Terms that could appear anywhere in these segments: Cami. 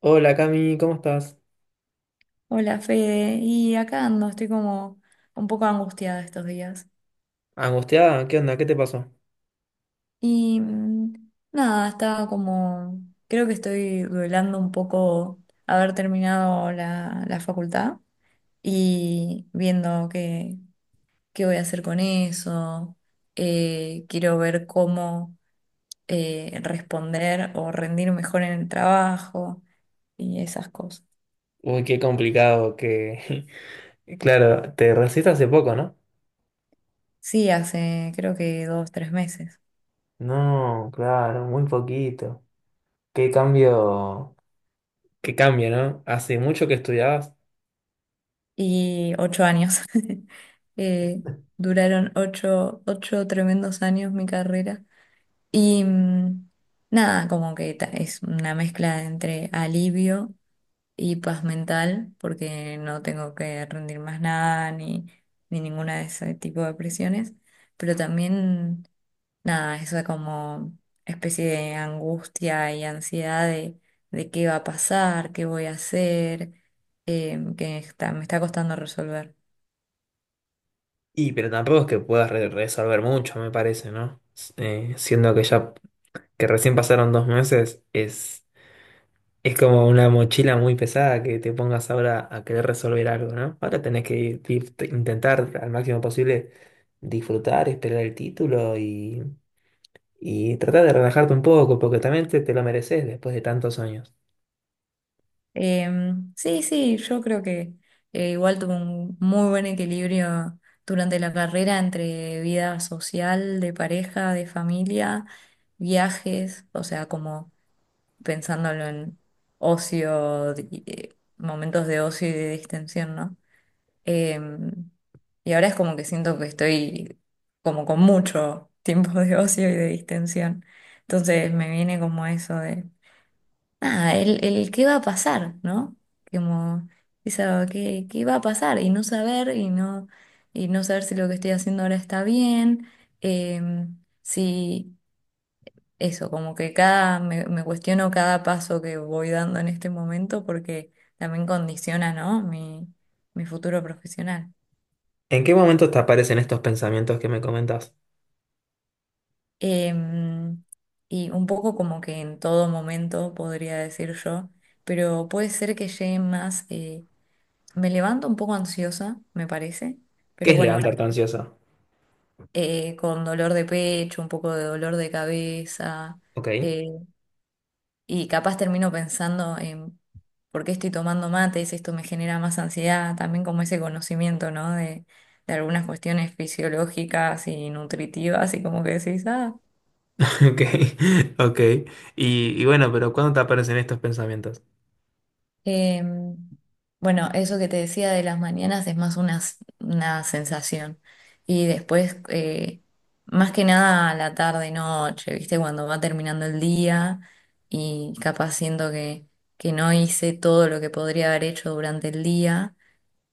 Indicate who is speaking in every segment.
Speaker 1: Hola Cami, ¿cómo estás?
Speaker 2: Hola Fede, y acá ando, estoy como un poco angustiada estos días.
Speaker 1: ¿Angustiada? ¿Qué onda? ¿Qué te pasó?
Speaker 2: Y nada, estaba como, creo que estoy duelando un poco haber terminado la facultad y viendo qué voy a hacer con eso. Quiero ver cómo responder o rendir mejor en el trabajo y esas cosas.
Speaker 1: Uy, qué complicado que... Claro, te recibiste hace poco, ¿no?
Speaker 2: Sí, hace creo que 2, 3 meses.
Speaker 1: No, claro, muy poquito. Qué cambio... Qué cambio, ¿no? Hace mucho que estudiabas.
Speaker 2: Y 8 años. Eh, duraron ocho tremendos años mi carrera. Y nada, como que es una mezcla entre alivio y paz mental, porque no tengo que rendir más nada ni ninguna de ese tipo de presiones, pero también, nada, eso como especie de angustia y ansiedad de qué va a pasar, qué voy a hacer, me está costando resolver.
Speaker 1: Y pero tampoco es que puedas resolver mucho, me parece, ¿no? Siendo que ya... que recién pasaron dos meses, es. Es como una mochila muy pesada que te pongas ahora a querer resolver algo, ¿no? Ahora tenés que intentar al máximo posible disfrutar, esperar el título y tratar de relajarte un poco, porque también te lo mereces después de tantos años.
Speaker 2: Sí, sí, yo creo que igual tuve un muy buen equilibrio durante la carrera entre vida social, de pareja, de familia, viajes, o sea, como pensándolo en ocio, momentos de ocio y de distensión, ¿no? Em, y ahora es como que siento que estoy como con mucho tiempo de ocio y de distensión. Entonces me viene como eso nada, el qué va a pasar, ¿no? Como esa, ¿qué va a pasar? Y no saber, y no saber si lo que estoy haciendo ahora está bien, eh, si eso, como que me cuestiono cada paso que voy dando en este momento porque también condiciona, ¿no? Mi futuro profesional.
Speaker 1: ¿En qué momento te aparecen estos pensamientos que me comentas?
Speaker 2: Em, y un poco como que en todo momento, podría decir yo, pero puede ser que llegue más. Me levanto un poco ansiosa, me parece,
Speaker 1: ¿Qué
Speaker 2: pero
Speaker 1: es
Speaker 2: bueno,
Speaker 1: levantarte ansioso?
Speaker 2: con dolor de pecho, un poco de dolor de cabeza,
Speaker 1: Ok,
Speaker 2: eh, y capaz termino pensando en por qué estoy tomando mates, esto me genera más ansiedad, también como ese conocimiento, ¿no? De algunas cuestiones fisiológicas y nutritivas, y como que decís, ah.
Speaker 1: ok, ok. Y bueno, pero ¿cuándo te aparecen estos pensamientos?
Speaker 2: Eh, bueno, eso que te decía de las mañanas es más una sensación. Y después, más que nada a la tarde, noche, ¿viste? Cuando va terminando el día y capaz siento que no hice todo lo que podría haber hecho durante el día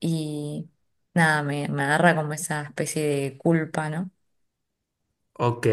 Speaker 2: y nada, me agarra como esa especie de culpa, ¿no?
Speaker 1: Ok.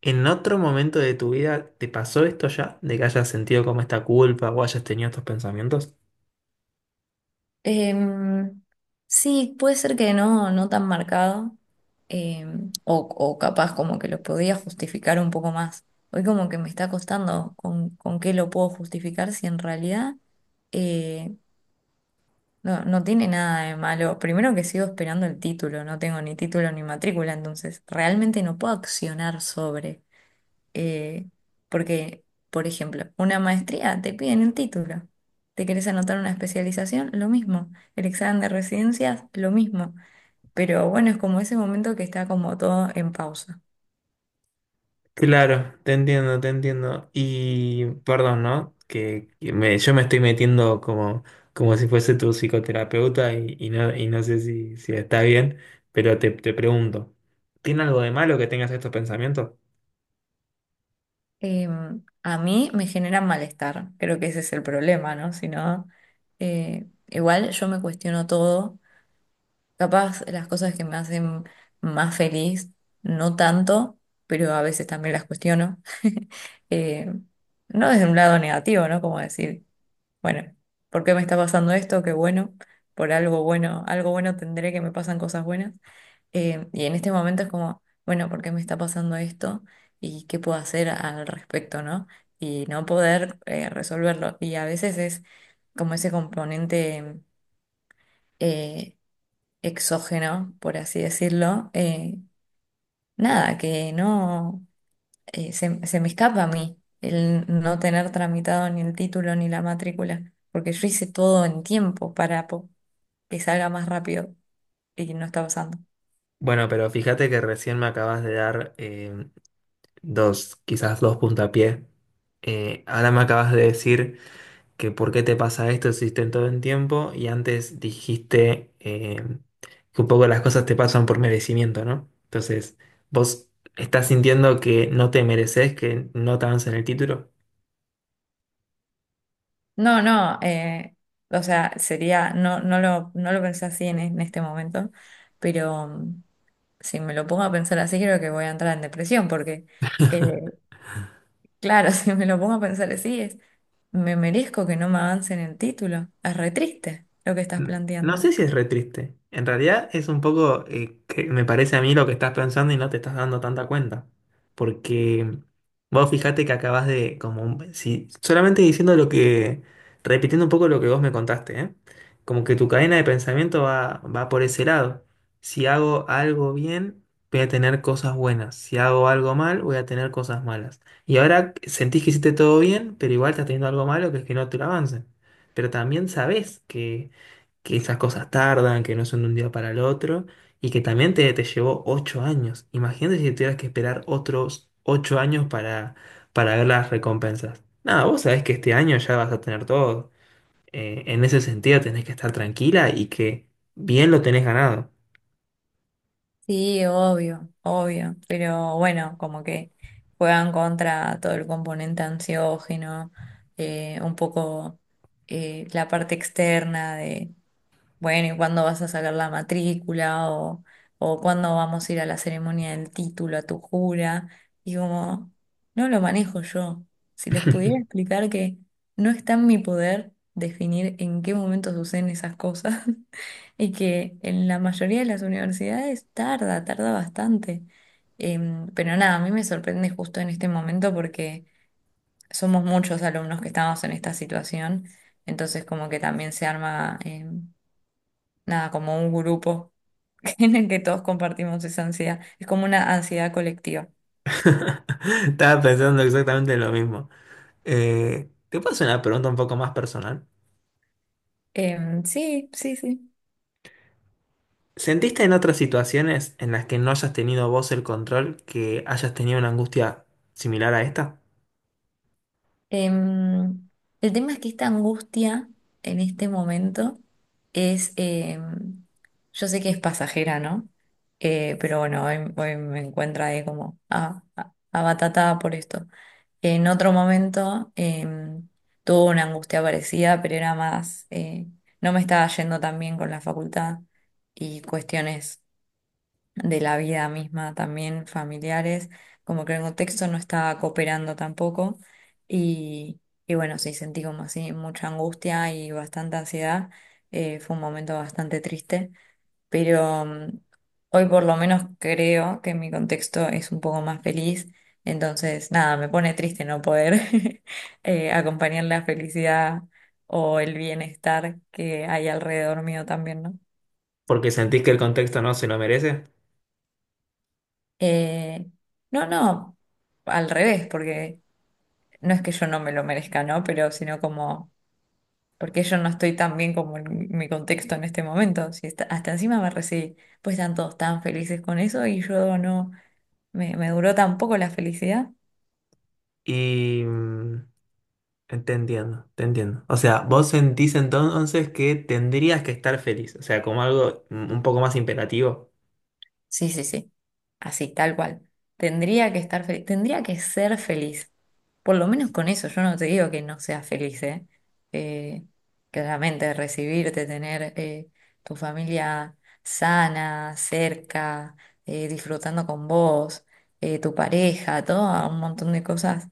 Speaker 1: ¿En otro momento de tu vida te pasó esto ya? ¿De que hayas sentido como esta culpa o hayas tenido estos pensamientos?
Speaker 2: Em, sí, puede ser que no, no tan marcado, o capaz como que lo podía justificar un poco más. Hoy como que me está costando con qué lo puedo justificar si en realidad eh, no tiene nada de malo. Primero que sigo esperando el título, no tengo ni título ni matrícula, entonces realmente no puedo accionar sobre eh, porque, por ejemplo, una maestría te piden el título. ¿Te querés anotar una especialización? Lo mismo. El examen de residencias, lo mismo. Pero bueno, es como ese momento que está como todo en pausa.
Speaker 1: Claro, te entiendo, te entiendo. Y perdón, ¿no? Yo me estoy metiendo como, como si fuese tu psicoterapeuta y no sé si, si está bien, pero te pregunto, ¿tiene algo de malo que tengas estos pensamientos?
Speaker 2: A mí me genera malestar, creo que ese es el problema, ¿no? Si no, igual yo me cuestiono todo. Capaz las cosas que me hacen más feliz, no tanto, pero a veces también las cuestiono. Eh, no desde un lado negativo, ¿no? Como decir, bueno, ¿por qué me está pasando esto? Qué bueno, por algo bueno tendré que me pasan cosas buenas. Y en este momento es como, bueno, ¿por qué me está pasando esto? ¿Y qué puedo hacer al respecto, ¿no? Y no poder resolverlo. Y a veces es como ese componente... eh, exógeno, por así decirlo, nada, que no se me escapa a mí el no tener tramitado ni el título ni la matrícula, porque yo hice todo en tiempo para que salga más rápido y no está pasando.
Speaker 1: Bueno, pero fíjate que recién me acabas de dar dos, quizás dos puntapiés. Ahora me acabas de decir que por qué te pasa esto si todo el tiempo y antes dijiste que un poco las cosas te pasan por merecimiento, ¿no? Entonces, vos estás sintiendo que no te mereces, que no te avancen el título.
Speaker 2: No, no, o sea, sería, no lo pensé así en este momento, pero si me lo pongo a pensar así, creo que voy a entrar en depresión, porque, eh, claro, si me lo pongo a pensar así, me merezco que no me avancen el título. Es re triste lo que estás
Speaker 1: No
Speaker 2: planteando.
Speaker 1: sé si es re triste. En realidad es un poco que me parece a mí lo que estás pensando y no te estás dando tanta cuenta. Porque vos fijate que acabas de, como, si, solamente diciendo lo que, repitiendo un poco lo que vos me contaste, ¿eh? Como que tu cadena de pensamiento va, va por ese lado. Si hago algo bien, voy a tener cosas buenas. Si hago algo mal, voy a tener cosas malas. Y ahora sentís que hiciste todo bien, pero igual estás teniendo algo malo que es que no te lo avancen. Pero también sabés que esas cosas tardan, que no son de un día para el otro, y que también te llevó 8 años. Imagínate si tuvieras que esperar otros 8 años para ver las recompensas. Nada, vos sabés que este año ya vas a tener todo. En ese sentido tenés que estar tranquila y que bien lo tenés ganado.
Speaker 2: Sí, obvio, obvio. Pero bueno, como que juegan contra todo el componente ansiógeno, un poco la parte externa. Bueno, ¿y cuándo vas a sacar la matrícula? O cuándo vamos a ir a la ceremonia del título, a tu jura. Y como, no lo manejo yo. Si les pudiera explicar que no está en mi poder definir en qué momento suceden esas cosas y que en la mayoría de las universidades tarda, tarda bastante. Pero nada, a mí me sorprende justo en este momento porque somos muchos alumnos que estamos en esta situación, entonces como que también se arma. Nada, como un grupo en el que todos compartimos esa ansiedad. Es como una ansiedad colectiva.
Speaker 1: Estaba pensando exactamente lo mismo. Te paso una pregunta un poco más personal.
Speaker 2: Sí, sí, sí.
Speaker 1: ¿Sentiste en otras situaciones en las que no hayas tenido vos el control que hayas tenido una angustia similar a esta?
Speaker 2: Em, el tema es que esta angustia en este momento es, yo sé que es pasajera, ¿no? Pero bueno, hoy, hoy me encuentro ahí como abatatada por esto. En otro momento em, tuve una angustia parecida, pero era más, no me estaba yendo tan bien con la facultad y cuestiones de la vida misma también, familiares, como que el contexto no estaba cooperando tampoco. Y, y bueno, sí, sentí como así mucha angustia y bastante ansiedad. Fue un momento bastante triste, pero hoy por lo menos creo que mi contexto es un poco más feliz. Entonces, nada, me pone triste no poder acompañar la felicidad o el bienestar que hay alrededor mío también, ¿no?
Speaker 1: Porque sentís que el contexto no se lo merece.
Speaker 2: Eh, no, no, al revés, porque no es que yo no me lo merezca, ¿no? Pero sino como, porque yo no estoy tan bien como en mi contexto en este momento. Si hasta encima me recibí, pues están todos tan felices con eso y yo no, me duró tan poco la felicidad.
Speaker 1: Y mm, Te entiendo, te entiendo. O sea, vos sentís entonces que tendrías que estar feliz, o sea, como algo un poco más imperativo.
Speaker 2: Sí, sí, sí. Así, tal cual. Tendría que estar feliz, tendría que ser feliz. Por lo menos con eso, yo no te digo que no seas feliz, ¿eh? Eh, claramente recibirte, tener tu familia sana, cerca, disfrutando con vos, tu pareja, todo un montón de cosas,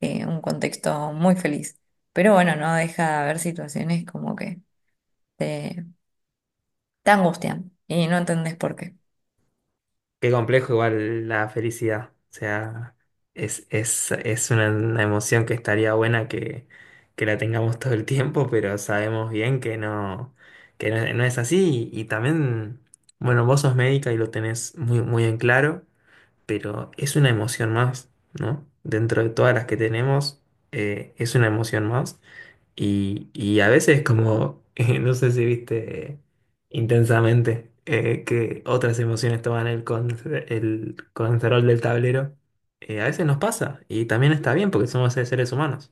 Speaker 2: un contexto muy feliz. Pero bueno, no deja de haber situaciones como que te, te angustian y no entendés por qué.
Speaker 1: Qué complejo igual la felicidad. O sea, es una emoción que estaría buena que la tengamos todo el tiempo, pero sabemos bien que no, no es así. Y también, bueno, vos sos médica y lo tenés muy, muy en claro, pero es una emoción más, ¿no? Dentro de todas las que tenemos, es una emoción más. Y a veces como, no sé si viste intensamente que otras emociones toman el, el control del tablero, a veces nos pasa y también está bien porque somos seres humanos.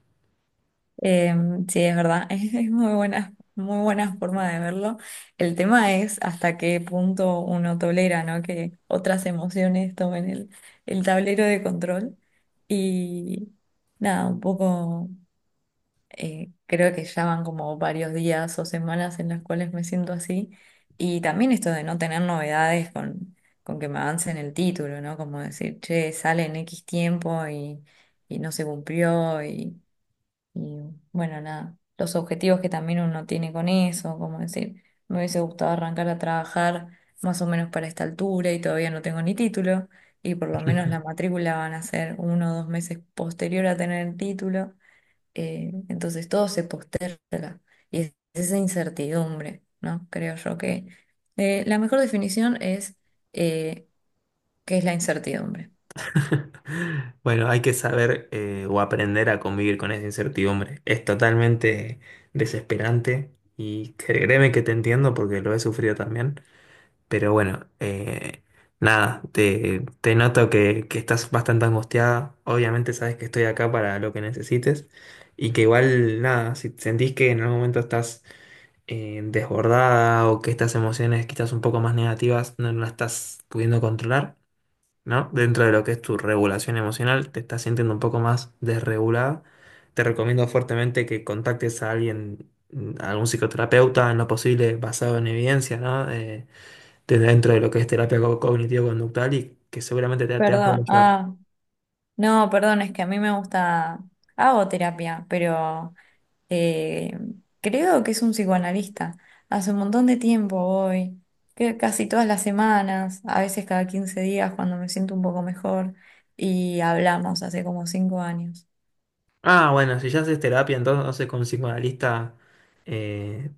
Speaker 2: Eh, sí, es verdad, es muy buena forma de verlo. El tema es hasta qué punto uno tolera, ¿no? Que otras emociones tomen el tablero de control. Y nada, un poco, creo que ya van como varios días o semanas en las cuales me siento así. Y también esto de no tener novedades con que me avancen el título, ¿no? Como decir, che, sale en X tiempo y no se cumplió y... Y bueno, nada, los objetivos que también uno tiene con eso, como decir, me hubiese gustado arrancar a trabajar más o menos para esta altura y todavía no tengo ni título, y por lo menos la matrícula van a ser 1 o 2 meses posterior a tener el título, entonces todo se posterga y es esa incertidumbre, ¿no? Creo yo que la mejor definición es eh, qué es la incertidumbre.
Speaker 1: Bueno, hay que saber o aprender a convivir con esa incertidumbre. Es totalmente desesperante y créeme que te entiendo porque lo he sufrido también. Pero bueno, nada, te noto que estás bastante angustiada. Obviamente sabes que estoy acá para lo que necesites y que igual, nada, si sentís que en algún momento estás desbordada o que estas emociones quizás un poco más negativas no las estás pudiendo controlar, ¿no? Dentro de lo que es tu regulación emocional, te estás sintiendo un poco más desregulada. Te recomiendo fuertemente que contactes a alguien, mm, a algún psicoterapeuta en lo posible basado en evidencia, ¿no? Dentro de lo que es terapia cognitivo-conductual y que seguramente te, te va a poder
Speaker 2: Perdón,
Speaker 1: ayudar.
Speaker 2: ah, no, perdón, es que a mí me gusta... Hago terapia, pero Eh, creo que es un psicoanalista. Hace un montón de tiempo voy, que casi todas las semanas, a veces cada 15 días cuando me siento un poco mejor, y hablamos hace como 5 años.
Speaker 1: Ah, bueno, si ya haces terapia, entonces con un psicoanalista, eh,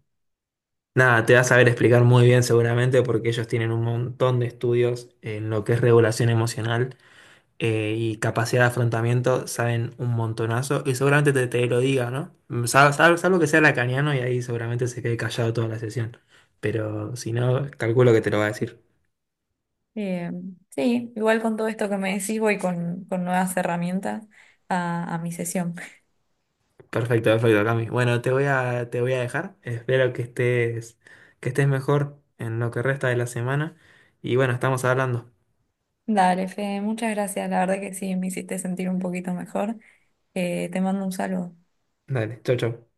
Speaker 1: nada, te va a saber explicar muy bien seguramente porque ellos tienen un montón de estudios en lo que es regulación emocional y capacidad de afrontamiento, saben un montonazo y seguramente te, te lo diga, ¿no? Salvo que sea lacaniano y ahí seguramente se quede callado toda la sesión, pero si no, calculo que te lo va a decir.
Speaker 2: Eh, sí, igual con todo esto que me decís voy con nuevas herramientas a mi sesión.
Speaker 1: Perfecto, perfecto, Cami. Bueno, te voy a dejar. Espero que estés mejor en lo que resta de la semana. Y bueno, estamos hablando.
Speaker 2: Dale, Fede, muchas gracias, la verdad que sí, me hiciste sentir un poquito mejor. Te mando un saludo.
Speaker 1: Dale, chau, chau.